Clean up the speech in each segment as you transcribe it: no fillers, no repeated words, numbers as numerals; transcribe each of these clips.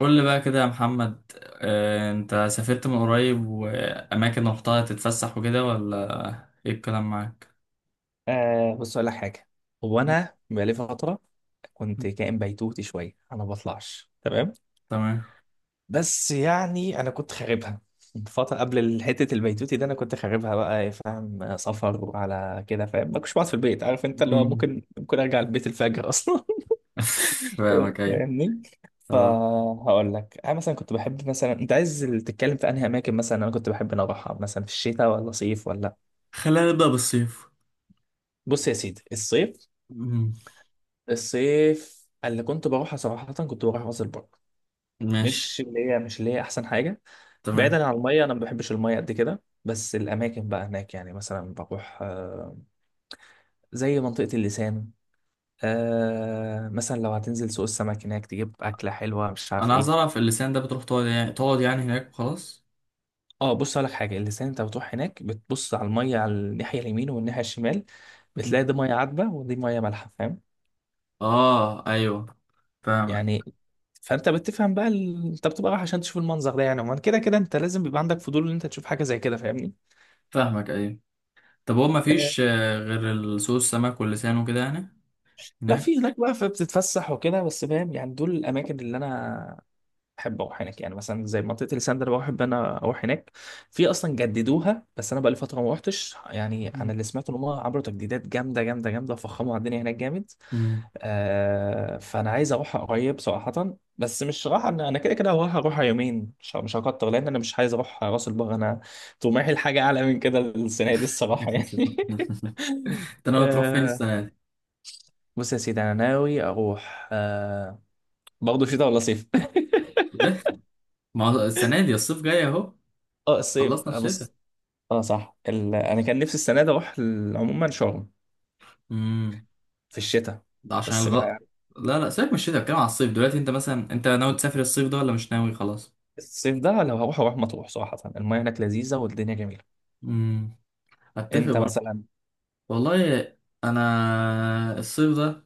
قول لي بقى كده يا محمد. انت سافرت من قريب واماكن رحتها تتفسح وكده ولا ايه الكلام معاك؟ آه، بص اقول لك حاجه. هو انا بقالي فتره كنت كائن بيتوتي شويه، انا ما بطلعش. تمام. تمام. بس يعني انا كنت خاربها فتره قبل حته البيتوتي ده. انا كنت خاربها بقى إيه، فاهم سفر وعلى كده، فاهم ما كنتش بقعد في البيت، عارف انت اللي هو مم. ممكن ارجع البيت الفجر اصلا. فاهمك ايه؟ فاهمني. اه. فهقول لك انا مثلا كنت بحب، مثلا انت عايز تتكلم في انهي اماكن، مثلا انا كنت بحب ان أنا اروحها مثلا في الشتاء ولا صيف ولا؟ خلينا نبدأ بالصيف. بص يا سيدي، الصيف. مم. الصيف اللي كنت بروحها صراحة كنت بروح راس البر. ماشي. مش اللي هي أحسن حاجة. تمام. بعيدا عن المية، أنا ما بحبش المية قد كده، بس الأماكن بقى هناك يعني مثلا بروح زي منطقة اللسان. مثلا لو هتنزل سوق السمك هناك تجيب أكلة حلوة مش عارف انا عايز إيه. اعرف اللسان ده بتروح تقعد يعني هناك وخلاص؟ اه، بص لك حاجة. اللسان أنت بتروح هناك بتبص على المية، على الناحية اليمين والناحية الشمال. مم. بتلاقي دي مية عذبة ودي مية مالحة، فاهم؟ اه ايوه، فاهمك. يعني فانت بتفهم بقى انت بتبقى رايح عشان تشوف المنظر ده. يعني عموما كده كده انت لازم بيبقى عندك فضول ان انت تشوف حاجه زي كده، فاهمني؟ فاهمك ايوه. طب هو آه، مفيش غير سوق السمك واللسان وكده يعني لا هناك. في هناك بقى فبتتفسح وكده، بس فاهم يعني دول الاماكن اللي انا بحب اروح هناك. يعني مثلا زي منطقه اليسان ده انا بحب انا اروح هناك. في اصلا جددوها بس انا بقى لي فتره ما روحتش. يعني انا مم. اللي سمعت ان هم عملوا تجديدات جامده جامده جامده وفخموا على الدنيا هناك جامد. مم. آه فانا عايز اروح قريب صراحه. بس مش راح، انا كده كده اروح يومين، مش هكتر. لان انا مش عايز اروح راس البر، انا طموحي لحاجه اعلى من كده السنه دي الصراحه يعني. ده انا تروح فين آه، السنة دي؟ بص يا سيدي انا ناوي اروح برضه شتاء ولا صيف؟ ما هو السنة دي الصيف جاي اهو. اه، الصيف. خلصنا بص. الشتاء. اه صح. انا كان نفسي السنه دي اروح عموما شرم امم. في الشتاء. ده عشان بس الغ ما. لا لا، سيبك من الشتاء، بتكلم على الصيف دلوقتي. انت مثلا انت ناوي تسافر الصيف ده ولا مش ناوي خلاص؟ الصيف ده لو هروح، اروح مطروح صراحه. المياه هناك لذيذه والدنيا جميله. امم، اتفق انت برضه. مثلا. والله، انا الصيف ده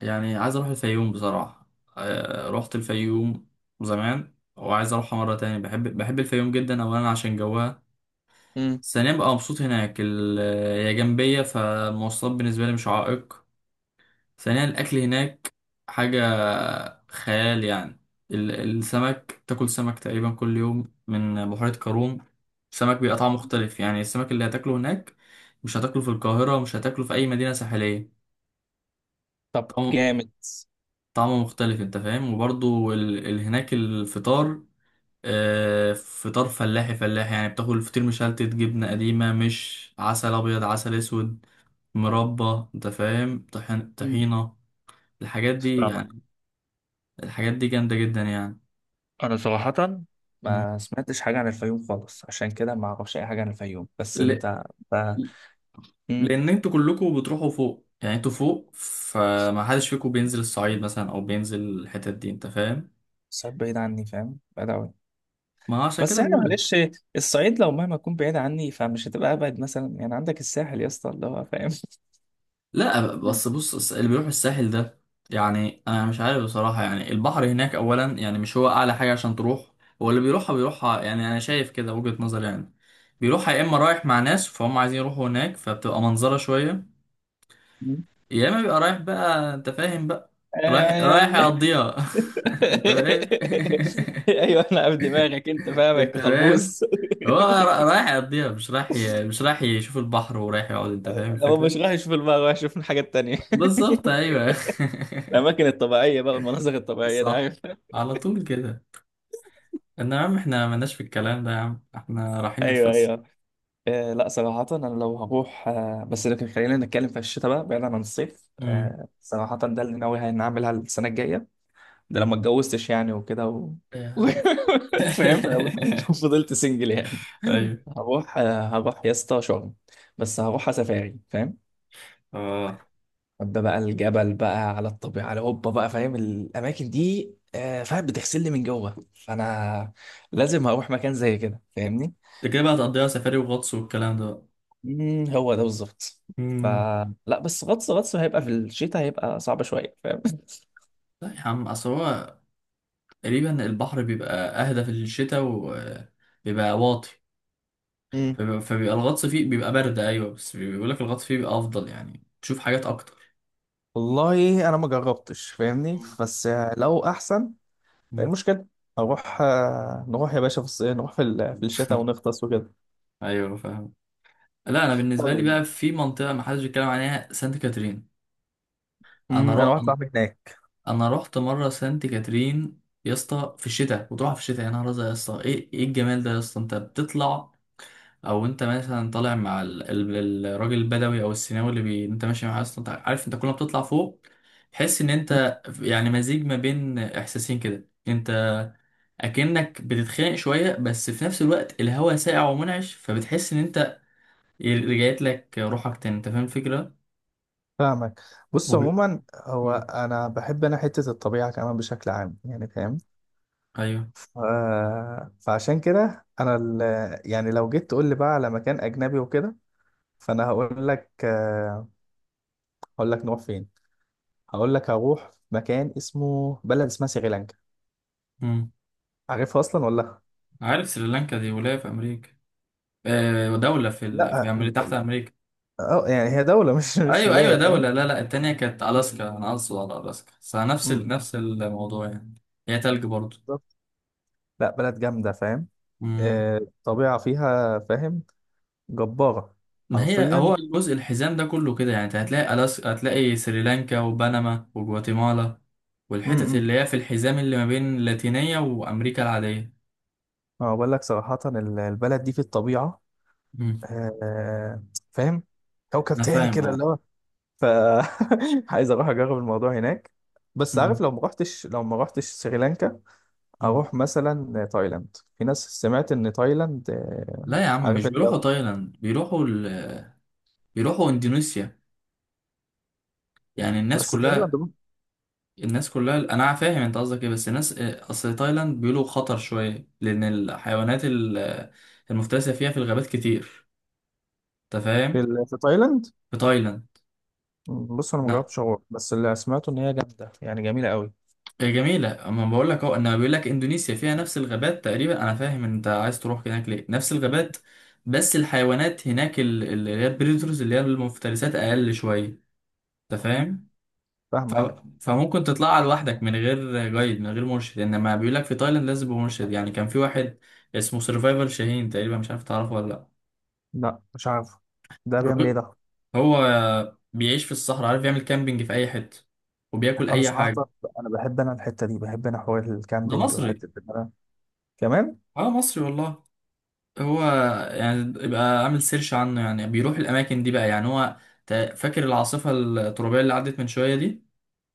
يعني عايز اروح الفيوم بصراحة. رحت الفيوم زمان وعايز اروحها مرة تاني. بحب بحب الفيوم جدا. اولا عشان جوها، ثانيا بقى مبسوط هناك. هي جنبية فالمواصلات بالنسبة لي مش عائق. ثانيا الأكل هناك حاجة خيال يعني. السمك، تاكل سمك تقريبا كل يوم من بحيرة قارون. السمك بيبقى طعمه مختلف، يعني السمك اللي هتاكله هناك مش هتاكله في القاهرة ومش هتاكله في أي مدينة ساحلية. طب طعمه جامد. طعمه مختلف أنت فاهم. وبرضو هناك الفطار، فطار فلاحي. فلاحي يعني بتاكل فطير مشلتت، جبنة قديمة، مش عسل أبيض عسل أسود، مربى أنت فاهم، مم. طحينة. الحاجات دي فاهمك. يعني الحاجات دي جامدة جدا يعني. انا صراحة مم. ما سمعتش حاجة عن الفيوم خالص، عشان كده ما اعرفش اي حاجة عن الفيوم. بس ل... انت ب... مم. لأن انتوا كلكم بتروحوا فوق، يعني انتوا فوق فما حدش فيكم بينزل الصعيد مثلا أو بينزل الحتت دي أنت فاهم؟ الصعيد بعيد عني، فاهم، بعيد قوي. ما هو عشان بس كده يعني بقول لك. معلش، الصعيد لو مهما تكون بعيد عني فمش هتبقى ابعد. مثلا يعني عندك الساحل يا اسطى اللي هو فاهم. لا، بس بص اللي بيروح الساحل ده، يعني أنا مش عارف بصراحة. يعني البحر هناك أولا يعني مش هو أعلى حاجة عشان تروح. هو اللي بيروحها بيروحها، يعني أنا شايف كده وجهة نظر يعني. بيروحها يا إما رايح مع ناس فهم عايزين يروحوا هناك فبتبقى منظرة شوية، مم. يا اما بيبقى رايح بقى انت فاهم بقى، رايح رايح يعني. يقضيها. انت فاهم. ايوه، انا عارف دماغك، انت فاهمك انت يا فاهم. خلبوس. هو رايح يقضيها، مش رايح يشوف البحر ورايح يقعد. انت فاهم هو الفكرة؟ مش رايح يشوف المرة، رايح يشوف الحاجة التانية. بالظبط ايوه. الاماكن الطبيعيه بقى، المناظر الطبيعيه ده، صح، عارف؟ على طول كده. ان يا عم احنا مالناش في الكلام ده، يا عم احنا رايحين ايوه، نتفسح. ايوه. آه، لا صراحه انا لو هروح بس لكن خلينا نتكلم في الشتاء بقى بعيدا عن الصيف. امم. صراحه ده اللي ناوي هنعملها السنه الجايه. ده لما اتجوزتش يعني وكده إيه. فاهم فضلت سنجل يعني. ايوه. هروح يا اسطى شرم. بس هروح سفاري، فاهم. اه. ده بقى الجبل بقى على الطبيعه على هوبا بقى، فاهم؟ الاماكن دي فاهم بتغسلني من جوه، فانا لازم هروح مكان زي كده، فاهمني. انت كده بقى تقضيها سفاري وغطس والكلام ده بقى. مم، هو ده بالظبط. ف امم. لا بس غطس هيبقى في الشتاء، هيبقى صعب شويه، فاهم. لا يا عم، اصل هو تقريبا البحر بيبقى اهدى في الشتاء وبيبقى واطي. مم. فبيبقى الغطس فيه بيبقى برد ايوه، بس بيقول لك الغطس فيه بيبقى افضل يعني تشوف حاجات اكتر. والله انا ما جربتش فاهمني مم. بس لو احسن. إيه مم. المشكله؟ اروح نروح يا باشا في الصيف، نروح في في الشتاء ونغطس وكده. ايوه فاهم. لا انا بالنسبه لي طيب. بقى في منطقه ما حدش بيتكلم عليها، سانت كاترين. انا انا رو... واحد صاحبي هناك. انا رحت مره سانت كاترين يا اسطى في الشتاء، وتروح في الشتاء يا نهار ازرق يا اسطى، ايه ايه الجمال ده يا اسطى. انت بتطلع او انت مثلا طالع مع الراجل البدوي او السيناوي اللي انت ماشي معاه اصلا. انت عارف انت كل ما بتطلع فوق تحس ان مم. انت يعني مزيج ما بين احساسين كده. انت اكنك بتتخانق شويه بس في نفس الوقت الهواء ساقع ومنعش، فبتحس ان انت رجعت لك روحك تاني. انت فاهم الفكره. فاهمك. بص وب... عموما، هو مم. انا بحب انا حته الطبيعه كمان بشكل عام يعني، فاهم. ايوه. ف... فعشان كده انا يعني لو جيت تقول لي بقى على مكان اجنبي وكده، فانا هقول لك نروح فين. هقول لك هروح مكان بلد اسمها سريلانكا. مم. عارفها اصلا ولا؟ عارف سريلانكا دي ولايه في امريكا؟ آه، دولة لا. في أمريكا تحت أمريكا. اه يعني هي دولة مش ايوه ايوه ولاية، فاهم. دولة، لا لا التانية كانت الاسكا، انا اقصد على الاسكا بس أمم، نفس الموضوع يعني. هي تلج برضو. بالظبط. لا بلد جامدة، فاهم. مم. الطبيعة فيها فاهم جبارة ما هي حرفيا. هو الجزء الحزام ده كله كده، يعني انت هتلاقي الاسكا هتلاقي سريلانكا وبنما وجواتيمالا والحتت امم اللي هي في الحزام اللي ما بين اللاتينية وامريكا العادية. اه، بقول لك صراحة البلد دي في الطبيعة مم. آه، فاهم كوكب انا تاني فاهم كده اه. اللي هو. ف عايز اروح اجرب الموضوع هناك. بس عارف، مم. لو ما رحتش سريلانكا، مم. اروح مثلا تايلاند. في ناس سمعت ان تايلاند لا يا عم عارف مش انت. بيروحوا تايلاند، بيروحوا بيروحوا اندونيسيا يعني الناس بس تايلاند كلها. الناس كلها انا فاهم انت قصدك ايه، بس الناس اصل تايلاند بيقولوا خطر شويه لان الحيوانات المفترسه فيها في الغابات كتير، انت في فاهم. في تايلاند. في تايلاند. بص انا ما لا، جربتش اروح، بس اللي سمعته ان هي جامده يعني جميله قوي، هي جميله اما بقول لك اهو، انا بيقول لك اندونيسيا فيها نفس الغابات تقريبا. انا فاهم انت عايز تروح هناك ليه، نفس الغابات، بس الحيوانات هناك اللي هي البريدرز اللي هي المفترسات اقل شويه، انت فاهم. ف... فاهمك. فممكن تطلعها لوحدك من غير جايد، من غير مرشد، انما بيقول لك في تايلاند لازم يبقى مرشد. يعني كان في واحد اسمه سرفايفل شاهين تقريبا، مش عارف تعرفه ولا لا. لا مش عارف. ده بيعمل ايه الراجل- ده؟ هو بيعيش في الصحراء، عارف يعمل كامبينج في اي حته وبياكل انا اي حاجه. صراحه انا بحب انا الحته دي بحب انا حوار ده الكامبينج مصري. وحته كمان. اه، مصري والله. هو يعني يبقى عامل سيرش عنه، يعني بيروح الاماكن دي بقى. يعني هو فاكر العاصفه الترابيه اللي عدت من شويه دي؟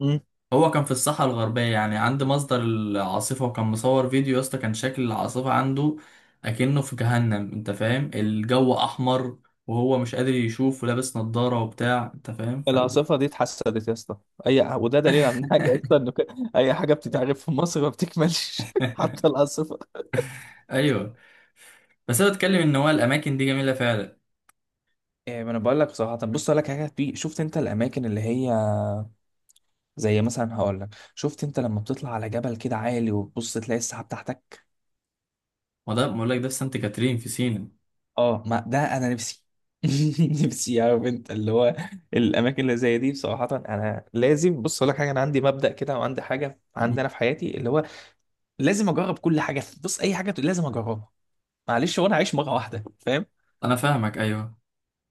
مم. هو كان في الساحة الغربية يعني عند مصدر العاصفة، وكان مصور فيديو يا اسطى، كان شكل العاصفة عنده أكنه في جهنم. أنت فاهم، الجو أحمر وهو مش قادر يشوف ولابس نظارة وبتاع. أنت فاهم العاصفة دي اتحسدت يا اسطى. اي وده دليل عن حاجه، يا اسطى ان اي حاجه بتتعرف في مصر ما بتكملش حتى العاصفة. أيوه. بس أنا بتكلم إن هو الأماكن دي جميلة فعلا. إيه، ما انا بقول لك بصراحه. طب بص اقول لك حاجه، في شفت انت الاماكن اللي هي زي مثلا، هقول لك، شفت انت لما بتطلع على جبل كده عالي وتبص تلاقي السحاب تحتك؟ وده بقول لك ده في سانت كاترين في سينا. اه، ما ده انا نفسي. نفسي، عارف انت اللي هو. الاماكن اللي زي دي بصراحه انا لازم. بص اقول لك حاجه، انا عندي مبدأ كده وعندي حاجه مم. عندي انا في حياتي اللي هو لازم اجرب كل حاجه. بص اي حاجه لازم اجربها، معلش هو انا عايش مره واحده، فاهم. أنا فاهمك أيوه.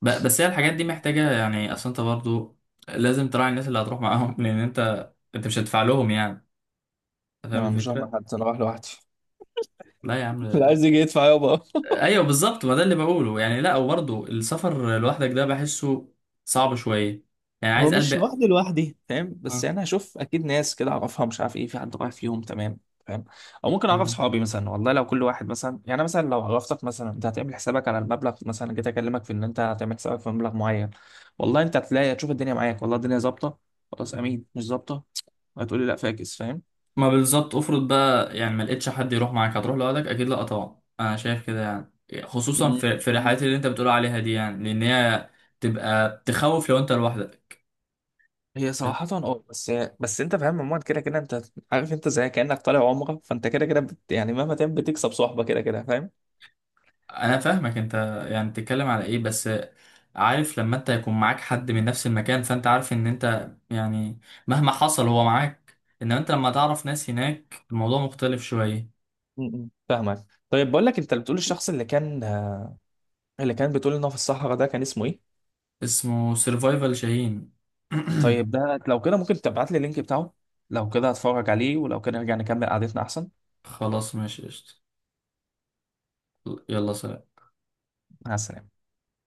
بس هي الحاجات دي محتاجة يعني. أصل أنت برضو لازم تراعي الناس اللي هتروح معاهم، لأن أنت أنت مش هتدفع لهم يعني. أنت فاهم انا مش رايح مع الفكرة؟ حد، انا رايح لوحدي. لا يا عم. لا، عايز يجي يدفع يابا. ايوه بالظبط، ما ده اللي بقوله يعني. لا، وبرضه السفر لوحدك ده بحسه صعب شويه، يعني هو عايز قلب. مش لوحدي لوحدي فاهم، بس اه. يعني هشوف اكيد ناس كده اعرفها مش عارف ايه، في حد رايح فيهم تمام، فاهم. او ممكن اعرف اه. صحابي مثلا والله، لو كل واحد مثلا يعني مثلا لو عرفتك مثلا انت هتعمل حسابك على المبلغ، مثلا جيت اكلمك في ان انت هتعمل حسابك في مبلغ معين. والله انت هتلاقي، هتشوف الدنيا معاك، والله الدنيا ظابطه. خلاص، امين مش ظابطه هتقولي لا فاكس، فاهم. ما بالظبط، افرض بقى يعني ما لقيتش حد يروح معاك هتروح لوحدك؟ اكيد لا طبعا، انا شايف كده يعني خصوصا مم. في الرحلات اللي انت بتقول عليها دي، يعني لان هي تبقى تخوف لو انت لوحدك. هي صراحة اه، بس انت فاهم عموما كده كده انت، عارف انت زي كأنك طالع عمرة فانت كده كده يعني مهما تعمل بتكسب صحبة كده كده، فاهم. انا فاهمك انت يعني بتتكلم على ايه بس. عارف لما انت يكون معاك حد من نفس المكان، فانت عارف ان انت يعني مهما حصل هو معاك. انما انت لما تعرف ناس هناك الموضوع مختلف شوية. م- م. فاهمك. طيب بقول لك، انت بتقول الشخص اللي كان بتقول ان هو في الصحراء ده كان اسمه ايه؟ اسمه سيرفايفل شاهين. طيب، ده لو كده ممكن تبعت لي اللينك بتاعه؟ لو كده هتفرج عليه، ولو كده نرجع نكمل قعدتنا احسن. خلاص ماشي قشطة، يلا سلام. مع السلامة.